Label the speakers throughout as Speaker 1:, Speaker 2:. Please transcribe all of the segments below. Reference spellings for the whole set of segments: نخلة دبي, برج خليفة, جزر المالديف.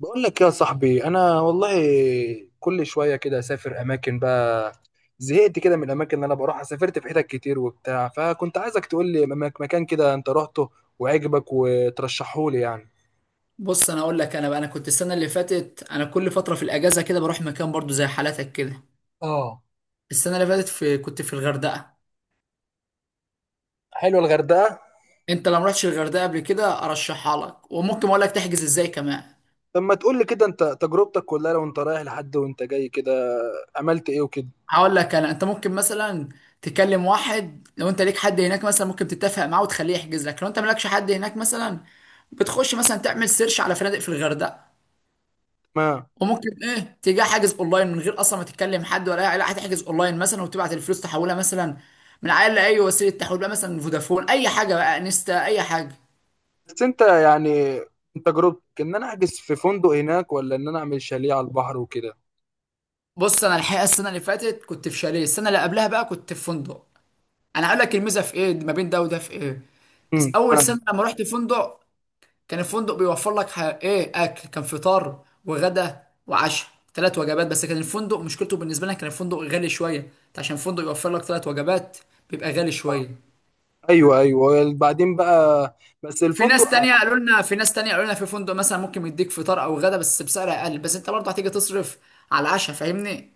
Speaker 1: بقول لك يا صاحبي انا والله، كل شويه كده اسافر اماكن بقى. زهقت كده من الاماكن اللي انا بروحها، سافرت في حتت كتير وبتاع، فكنت عايزك تقول لي مكان كده انت رحته وعجبك وترشحه لي يعني.
Speaker 2: بص، انا اقول لك. انا كنت السنه اللي فاتت، انا كل فتره في الاجازه كده بروح مكان برضو زي حالاتك كده.
Speaker 1: اه،
Speaker 2: السنه اللي فاتت كنت في الغردقه.
Speaker 1: حلو الغردقه.
Speaker 2: انت لو ما رحتش الغردقه قبل كده ارشحها لك، وممكن اقول لك تحجز ازاي كمان.
Speaker 1: طب ما تقول لي كده انت تجربتك كلها، لو انت رايح لحد وانت جاي كده عملت ايه وكده.
Speaker 2: هقول لك، انا انت ممكن مثلا تكلم واحد لو انت ليك حد هناك، مثلا ممكن تتفق معاه وتخليه يحجز لك. لو انت مالكش حد هناك، مثلا بتخش مثلا تعمل سيرش على فنادق في الغردقه،
Speaker 1: ما
Speaker 2: وممكن ايه تيجي حاجز اونلاين من غير اصلا ما تتكلم حد ولا اي علاقه. هتحجز اونلاين مثلا وتبعت الفلوس تحولها، مثلا من عيال لاي وسيله تحويل بقى، مثلا فودافون اي حاجه بقى، انستا اي حاجه.
Speaker 1: بس انت يعني، انت تجربتك ان انا احجز في فندق هناك، ولا ان انا اعمل شاليه على البحر وكده.
Speaker 2: بص، انا الحقيقه السنه اللي فاتت كنت في شاليه، السنه اللي قبلها بقى كنت في فندق. انا هقول لك الميزه في ايه ما بين ده وده في ايه. بس اول
Speaker 1: تمام.
Speaker 2: سنه لما رحت فندق، كان الفندق بيوفر لك ايه اكل. كان فطار وغدا وعشاء، ثلاث وجبات. بس كان الفندق مشكلته بالنسبه لنا، كان الفندق غالي شويه. عشان الفندق يوفر لك ثلاث وجبات بيبقى غالي شويه.
Speaker 1: ايوه، ايوه، بعدين بقى، بس الفندق؟
Speaker 2: في ناس تانية قالوا لنا في فندق مثلا ممكن يديك فطار او غدا بس بسعر اقل، بس انت برضه هتيجي تصرف على العشاء، فاهمني؟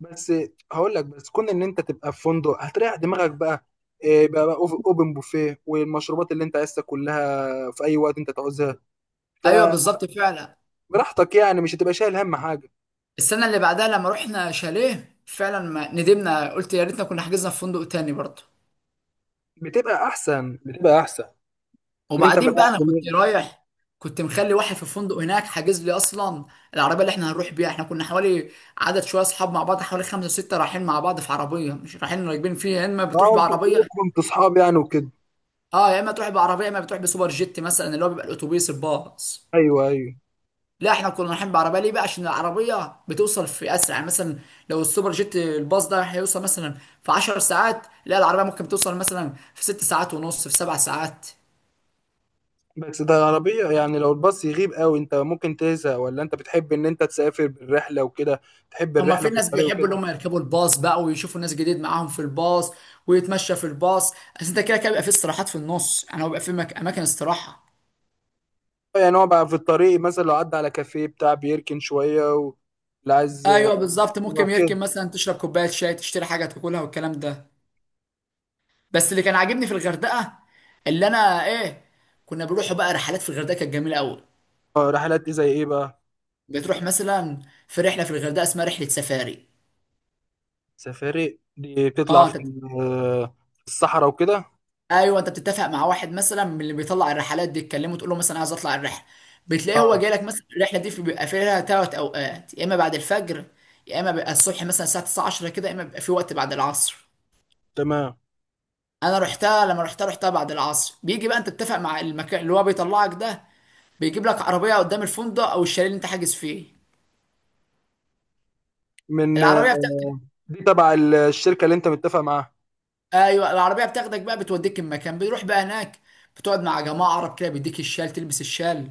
Speaker 1: بس هقول لك، بس كون ان انت تبقى في فندق هتريح دماغك بقى. إيه بقى، بقى اوبن بوفيه، والمشروبات اللي انت عايزها كلها في اي وقت انت تعوزها،
Speaker 2: ايوه بالظبط فعلا.
Speaker 1: فبراحتك يعني، مش هتبقى شايل هم حاجه.
Speaker 2: السنة اللي بعدها لما رحنا شاليه فعلا، ما ندمنا. قلت يا ريتنا كنا حجزنا في فندق تاني برضه.
Speaker 1: بتبقى احسن، بتبقى احسن، ان انت
Speaker 2: وبعدين
Speaker 1: مريح
Speaker 2: بقى انا كنت
Speaker 1: دماغك.
Speaker 2: رايح، كنت مخلي واحد في الفندق هناك حاجز لي اصلا. العربيه اللي احنا هنروح بيها، احنا كنا حوالي عدد شويه اصحاب مع بعض، حوالي خمسه وسته رايحين مع بعض في عربيه. مش رايحين راكبين فيها، يا اما
Speaker 1: اه،
Speaker 2: بتروح
Speaker 1: انتوا
Speaker 2: بعربيه.
Speaker 1: كلكم انتوا اصحاب يعني وكده؟
Speaker 2: اه، يا اما تروح بعربيه، يا اما بتروح بسوبر جيت مثلا، اللي هو بيبقى الاتوبيس الباص.
Speaker 1: ايوه، ايوه.
Speaker 2: لا، احنا كنا رايحين بعربيه. ليه بقى؟ عشان العربيه بتوصل في اسرع يعني. مثلا لو السوبر جيت الباص ده هيوصل مثلا في 10 ساعات، لا العربيه ممكن توصل مثلا في 6 ساعات ونص، في 7 ساعات.
Speaker 1: بس ده العربيه يعني، لو الباص يغيب قوي انت ممكن تزهق، ولا انت بتحب ان انت تسافر بالرحله وكده، تحب
Speaker 2: اما
Speaker 1: الرحله
Speaker 2: في
Speaker 1: في
Speaker 2: ناس
Speaker 1: الطريق
Speaker 2: بيحبوا اللي
Speaker 1: وكده؟
Speaker 2: هم يركبوا الباص بقى ويشوفوا ناس جديد معاهم في الباص، ويتمشى في الباص. بس انت كده كده بيبقى في استراحات في النص، يعني هو بيبقى في اماكن استراحه.
Speaker 1: يعني هو بقى في الطريق مثلا لو عدى على كافيه بتاع بيركن شوية اللي عايز.
Speaker 2: ايوه بالظبط،
Speaker 1: يبقى
Speaker 2: ممكن
Speaker 1: كده.
Speaker 2: يركب مثلا تشرب كوبايه شاي، تشتري حاجه تاكلها والكلام ده. بس اللي كان عاجبني في الغردقه، اللي انا ايه، كنا بنروحوا بقى رحلات في الغردقه كانت جميله قوي.
Speaker 1: الرحلات دي زي ايه بقى؟
Speaker 2: بتروح مثلا في رحله في الغردقه اسمها رحله سفاري.
Speaker 1: سفاري دي بتطلع
Speaker 2: اه انت
Speaker 1: في
Speaker 2: بت-
Speaker 1: في الصحراء وكده؟
Speaker 2: ايوه، انت بتتفق مع واحد مثلا من اللي بيطلع الرحلات دي، تكلمه تقول له مثلا عايز اطلع الرحله. بتلاقيه هو جاي
Speaker 1: اه،
Speaker 2: لك مثلا. الرحله دي بيبقى فيها ثلاث اوقات، يا اما بعد الفجر، يا اما بيبقى الصبح مثلا الساعه 9 10 كده، يا اما بيبقى في وقت بعد العصر.
Speaker 1: تمام.
Speaker 2: انا رحتها لما رحتها رحتها بعد العصر. بيجي بقى انت تتفق مع المكان اللي هو بيطلعك ده، بيجيب لك عربيه قدام الفندق او الشاليه اللي انت حاجز فيه.
Speaker 1: من
Speaker 2: العربيه بتاخدك،
Speaker 1: دي تبع الشركة اللي انت متفق معاها؟
Speaker 2: ايوه العربيه بتاخدك بقى بتوديك المكان. بتروح بقى هناك، بتقعد مع جماعه عرب كده، بيديك الشال تلبس الشال،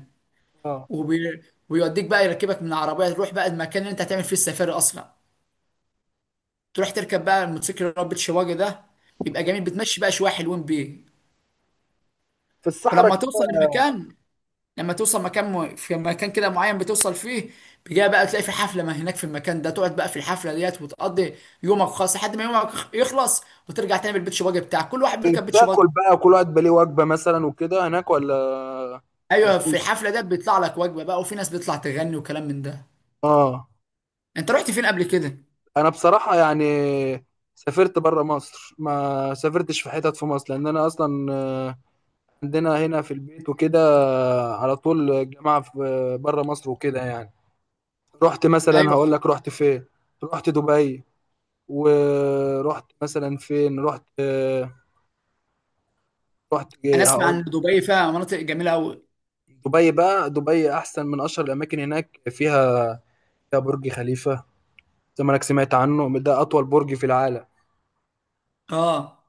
Speaker 1: اه،
Speaker 2: وبي... ويوديك بقى يركبك من العربيه، تروح بقى المكان اللي انت هتعمل فيه السفاري اصلا. تروح تركب بقى الموتوسيكل اللي هو ربة شواجه ده. بيبقى جميل، بتمشي بقى شويه حلوين بيه.
Speaker 1: في الصحراء
Speaker 2: ولما
Speaker 1: كده.
Speaker 2: توصل المكان، لما توصل مكان في مكان كده معين بتوصل فيه، بيجي بقى تلاقي في حفله ما هناك في المكان ده. تقعد بقى في الحفله ديت وتقضي يومك خالص لحد ما يومك يخلص، وترجع تاني بالبيت شواجه بتاعك، كل واحد بيركب بيت شواجه.
Speaker 1: بتاكل بقى كل واحد بليه وجبة مثلا وكده هناك ولا
Speaker 2: ايوه في
Speaker 1: مفيش؟
Speaker 2: الحفله ده بيطلع لك وجبه بقى، وفي ناس بتطلع تغني وكلام من ده.
Speaker 1: اه،
Speaker 2: انت رحت فين قبل كده؟
Speaker 1: انا بصراحة يعني سافرت بره مصر، ما سافرتش في حتت في مصر، لان انا اصلا عندنا هنا في البيت وكده. على طول جامعة في بره مصر وكده يعني. رحت مثلا،
Speaker 2: ايوه،
Speaker 1: هقول لك رحت فين، رحت دبي، ورحت مثلا فين، رحت، رحت
Speaker 2: انا
Speaker 1: إيه؟
Speaker 2: اسمع
Speaker 1: هقول.
Speaker 2: ان دبي فيها مناطق جميله قوي.
Speaker 1: دبي بقى، دبي احسن من اشهر الاماكن هناك، فيها، فيها برج خليفة، زي ما انك سمعت عنه، ده اطول برج في العالم.
Speaker 2: اه،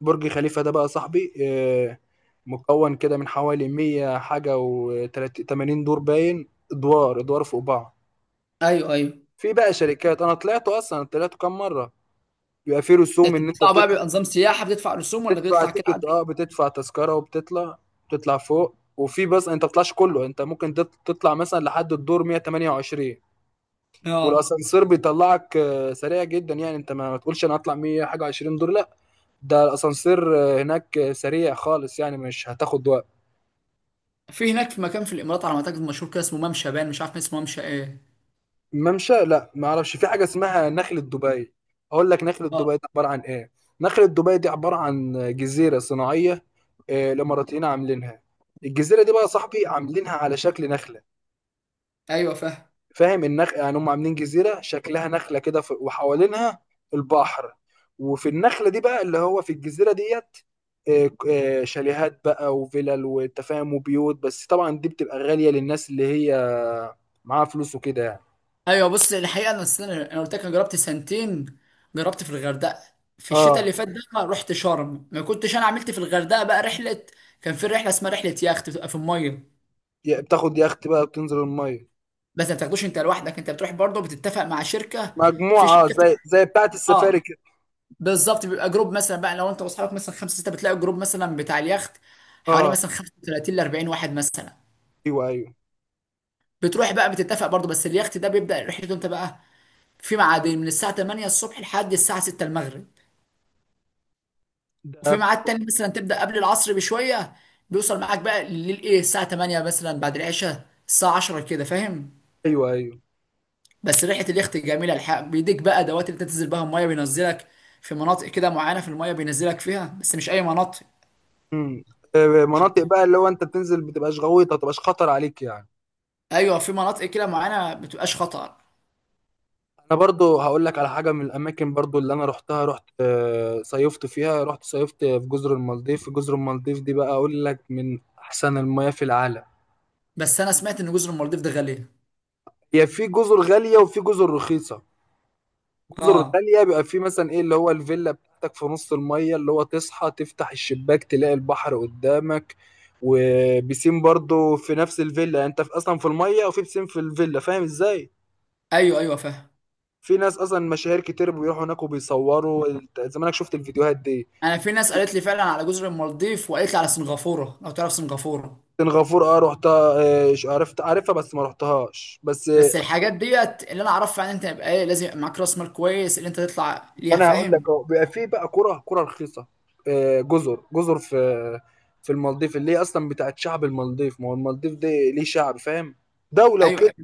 Speaker 1: برج خليفة ده بقى صاحبي مكون كده من حوالي 100 حاجة و80 دور، باين ادوار ادوار فوق بعض.
Speaker 2: ايوه ايوه.
Speaker 1: في بقى شركات، انا طلعته اصلا، طلعته كام مرة. بيبقى في
Speaker 2: ده
Speaker 1: رسوم
Speaker 2: انت
Speaker 1: ان انت
Speaker 2: بتطلع بقى
Speaker 1: بتطلع؟
Speaker 2: بيبقى نظام سياحه، بتدفع رسوم ولا
Speaker 1: بتدفع
Speaker 2: بتطلع كده
Speaker 1: تيكت، اه
Speaker 2: عادي؟
Speaker 1: بتدفع تذكره وبتطلع، بتطلع فوق، وفي، بس انت ما بتطلعش كله، انت ممكن تطلع مثلا لحد الدور 128،
Speaker 2: اه،
Speaker 1: والاسانسير بيطلعك سريع جدا يعني. انت ما تقولش انا هطلع 100 حاجه 20 دور، لا، ده الاسانسير هناك سريع خالص يعني، مش هتاخد وقت.
Speaker 2: في هناك في مكان في الامارات على ما اعتقد مشهور كده، اسمه ممشى بان، مش عارف اسمه ممشى ايه.
Speaker 1: ممشى؟ لا، ما اعرفش. في حاجه اسمها نخله دبي، اقول لك نخله
Speaker 2: اه،
Speaker 1: دبي دي عباره عن ايه. نخله دبي دي عباره عن جزيره صناعيه، الاماراتيين عاملينها. الجزيره دي بقى يا صاحبي عاملينها على شكل نخله.
Speaker 2: ايوه فاهم.
Speaker 1: فاهم النخ يعني، هم عاملين جزيره شكلها نخله كده، وحوالينها البحر، وفي النخله دي بقى، اللي هو في الجزيره ديت، شاليهات بقى وفلل والتفاهم وبيوت. بس طبعا دي بتبقى غاليه للناس اللي هي معاها فلوس وكده يعني.
Speaker 2: ايوه بص، الحقيقه انا السنه انا قلت لك انا جربت سنتين. جربت في الغردقه، في الشتاء
Speaker 1: اه،
Speaker 2: اللي فات ده رحت شرم. ما كنتش انا عملت في الغردقه بقى رحله، كان في رحله اسمها رحله يخت بتبقى في الميه.
Speaker 1: بتاخد يخت بقى بتنزل الميه؟
Speaker 2: بس ما بتاخدوش انت لوحدك، انت بتروح برضه بتتفق مع شركه.
Speaker 1: مجموعه،
Speaker 2: في شركه بتبقى،
Speaker 1: زي، زي بتاعه
Speaker 2: اه
Speaker 1: السفاري كده؟
Speaker 2: بالظبط. بيبقى جروب مثلا بقى، لو انت واصحابك مثلا خمسه سته، بتلاقي جروب مثلا بتاع اليخت حوالي
Speaker 1: اه.
Speaker 2: مثلا 35 ل 40 واحد مثلا.
Speaker 1: ايوه، ايوه.
Speaker 2: بتروح بقى بتتفق برضه، بس اليخت ده بيبدا رحلته. انت بقى في ميعادين، من الساعه 8 الصبح لحد الساعه 6 المغرب، وفي
Speaker 1: ده
Speaker 2: ميعاد تاني مثلا تبدا قبل العصر بشويه، بيوصل معاك بقى للايه الساعه 8 مثلا بعد العشاء الساعه 10 كده، فاهم؟
Speaker 1: ايوه ايوه.
Speaker 2: بس ريحه اليخت جميله الحق. بيديك بقى دوات اللي تنزل بها الميه، بينزلك في مناطق كده معينه في الميه بينزلك فيها، بس مش اي مناطق.
Speaker 1: امم
Speaker 2: مش-
Speaker 1: مناطق بقى اللي هو انت بتنزل، بتبقاش غويطه، تبقاش خطر عليك يعني؟
Speaker 2: ايوه في مناطق كده معينه ما بتبقاش خطر.
Speaker 1: انا برضو هقول لك على حاجه من الاماكن برضو اللي انا رحتها، رحت صيفت فيها، رحت صيفت في جزر المالديف. جزر المالديف دي بقى اقول لك من احسن المياه في العالم.
Speaker 2: بس انا سمعت ان جزر المالديف ده غاليه.
Speaker 1: هي في جزر غاليه وفي جزر رخيصه. جزر
Speaker 2: اه،
Speaker 1: غاليه بيبقى في مثلا ايه، اللي هو الفيلا بتاعتك في نص المية، اللي هو تصحى تفتح الشباك تلاقي البحر قدامك، وبيسين برضو في نفس الفيلا. يعني انت في اصلا في المية، وفي بيسين في الفيلا، فاهم ازاي؟
Speaker 2: ايوه ايوه فاهم.
Speaker 1: في ناس اصلا مشاهير كتير بيروحوا هناك وبيصوروا زمانك شفت الفيديوهات دي.
Speaker 2: انا في ناس قالت لي فعلا على جزر المالديف، وقالت لي على سنغافوره لو تعرف سنغافوره.
Speaker 1: سنغافورة اه رحتها، عرفت، عارفها بس ما رحتهاش بس.
Speaker 2: بس الحاجات ديت اللي انا اعرفها ان انت يبقى ايه لازم يبقى معاك راس مال كويس اللي انت تطلع ليها،
Speaker 1: انا هقول
Speaker 2: فاهم؟
Speaker 1: لك اهو، بيبقى في بقى كرة رخيصة، جزر في، في المالديف، اللي هي اصلا بتاعت شعب المالديف، ما هو المالديف دي ليه شعب، فاهم، دولة وكده.
Speaker 2: ايوه.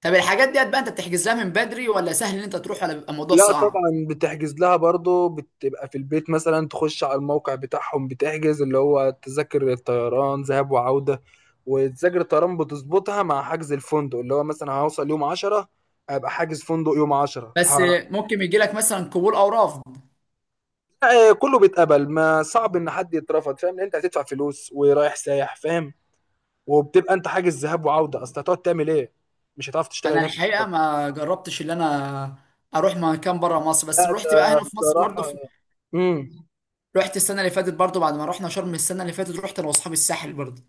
Speaker 2: طب الحاجات ديت بقى انت بتحجز لها من بدري، ولا سهل ان انت تروح، ولا بيبقى الموضوع
Speaker 1: لا
Speaker 2: صعب؟
Speaker 1: طبعا بتحجز لها برضه، بتبقى في البيت مثلا تخش على الموقع بتاعهم، بتحجز اللي هو تذاكر الطيران ذهاب وعودة. وتذاكر الطيران بتظبطها مع حجز الفندق، اللي هو مثلا هوصل يوم 10، ابقى حاجز فندق يوم 10
Speaker 2: بس ممكن يجي لك مثلا قبول او رفض.
Speaker 1: لا، كله بيتقبل، ما صعب ان حد يترفض، فاهم، لان انت هتدفع فلوس ورايح سايح، فاهم. وبتبقى انت حاجز ذهاب وعودة، اصل هتقعد تعمل ايه، مش هتعرف تشتغل
Speaker 2: انا
Speaker 1: هناك.
Speaker 2: الحقيقه ما جربتش ان انا اروح مكان بره مصر، بس
Speaker 1: لا
Speaker 2: رحت بقى
Speaker 1: ده
Speaker 2: هنا في مصر برضه
Speaker 1: بصراحة. امم
Speaker 2: رحت السنه اللي فاتت برضه. بعد ما رحنا شرم السنه اللي فاتت، رحت انا واصحابي الساحل برضه.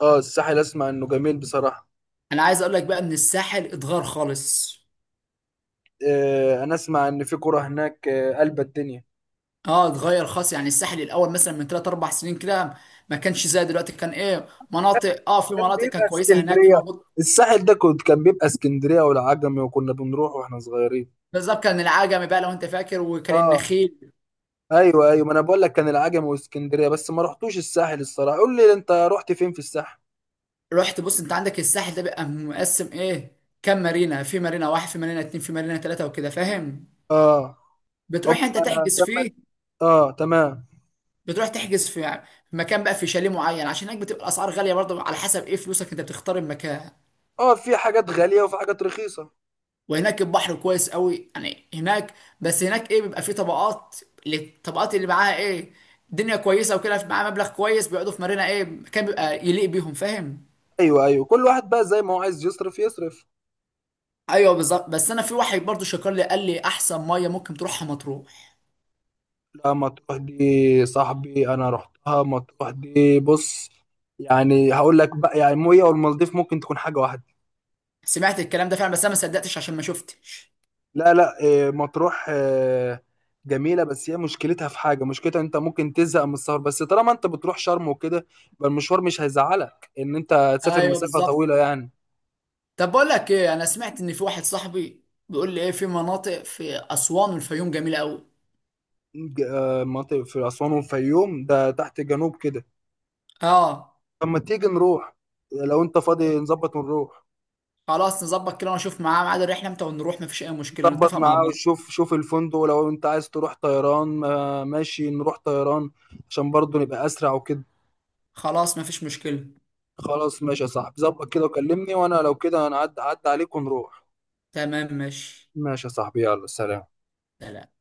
Speaker 1: اه، الساحل اسمع انه جميل بصراحة.
Speaker 2: انا عايز اقول لك بقى ان الساحل اتغير خالص.
Speaker 1: انا اسمع ان في كرة هناك قلب الدنيا.
Speaker 2: اه اتغير خالص يعني. الساحل الاول مثلا من 3 4 سنين كده ما كانش زي دلوقتي، كان ايه مناطق، اه في
Speaker 1: كان
Speaker 2: مناطق كانت
Speaker 1: بيبقى
Speaker 2: كويسه هناك في
Speaker 1: اسكندرية،
Speaker 2: موجود.
Speaker 1: الساحل ده كنت، كان بيبقى اسكندرية والعجمي، وكنا بنروح واحنا صغيرين.
Speaker 2: بالظبط، كان العجمي بقى لو انت فاكر، وكان
Speaker 1: اه.
Speaker 2: النخيل.
Speaker 1: ايوه، ايوه، ما انا بقول لك كان العجمي واسكندرية، بس ما رحتوش الساحل الصراحة، قول لي انت رحت فين في الساحل.
Speaker 2: رحت. بص، انت عندك الساحل ده بيبقى مقسم ايه كام مارينا، في مارينا واحد، في مارينا اتنين، في مارينا تلاتة وكده، فاهم؟
Speaker 1: اه. أم...
Speaker 2: بتروح انت
Speaker 1: آه،
Speaker 2: تحجز
Speaker 1: تم-
Speaker 2: فيه،
Speaker 1: اه تمام.
Speaker 2: بتروح تحجز في مكان بقى، في شاليه معين، عشان هناك بتبقى الاسعار غاليه برضه على حسب ايه فلوسك، انت بتختار المكان.
Speaker 1: اه، في حاجات غالية وفي حاجات رخيصة.
Speaker 2: وهناك البحر كويس قوي يعني هناك. بس هناك ايه بيبقى فيه طبقات، الطبقات اللي معاها ايه الدنيا كويسه وكده معاها مبلغ كويس بيقعدوا في مارينا ايه، مكان بيبقى يليق بيهم، فاهم؟
Speaker 1: ايوه، ايوه، كل واحد بقى زي ما هو عايز يصرف يصرف.
Speaker 2: ايوه بالظبط. بس انا في واحد برضه شكر لي قال لي احسن ميه ممكن تروحها مطروح.
Speaker 1: رحتها مطروح دي صاحبي، انا رحتها مطروح دي، بص، يعني هقول لك بقى، يعني الميه والمالديف ممكن تكون حاجه واحده.
Speaker 2: سمعت الكلام ده فعلا بس انا ما صدقتش عشان ما شفتش.
Speaker 1: لا لا، إيه، مطروح جميله، بس هي مشكلتها في حاجه، مشكلتها انت ممكن تزهق من السفر. بس طالما انت بتروح شرم وكده، يبقى المشوار مش هيزعلك ان انت تسافر
Speaker 2: ايوه
Speaker 1: مسافه
Speaker 2: بالظبط.
Speaker 1: طويله يعني.
Speaker 2: طب بقول لك ايه، انا سمعت ان في واحد صاحبي بيقول لي ايه في مناطق في اسوان والفيوم جميله قوي.
Speaker 1: مناطق في اسوان والفيوم، ده تحت جنوب كده.
Speaker 2: اه،
Speaker 1: طب ما تيجي نروح، لو انت فاضي نظبط ونروح.
Speaker 2: خلاص نظبط كده ونشوف معاه ميعاد الرحله امتى ونروح، مفيش اي مشكله
Speaker 1: ظبط
Speaker 2: نتفق مع
Speaker 1: معاه،
Speaker 2: بعض.
Speaker 1: وشوف، شوف الفندق، ولو انت عايز تروح طيران ماشي نروح طيران، عشان برضه نبقى اسرع وكده.
Speaker 2: خلاص مفيش مشكله.
Speaker 1: خلاص ماشي يا صاحبي، ظبط كده وكلمني، وانا لو كده انا عد عليك ونروح.
Speaker 2: تمام ماشي.
Speaker 1: ماشي يا صاحبي، يلا سلام.
Speaker 2: سلام.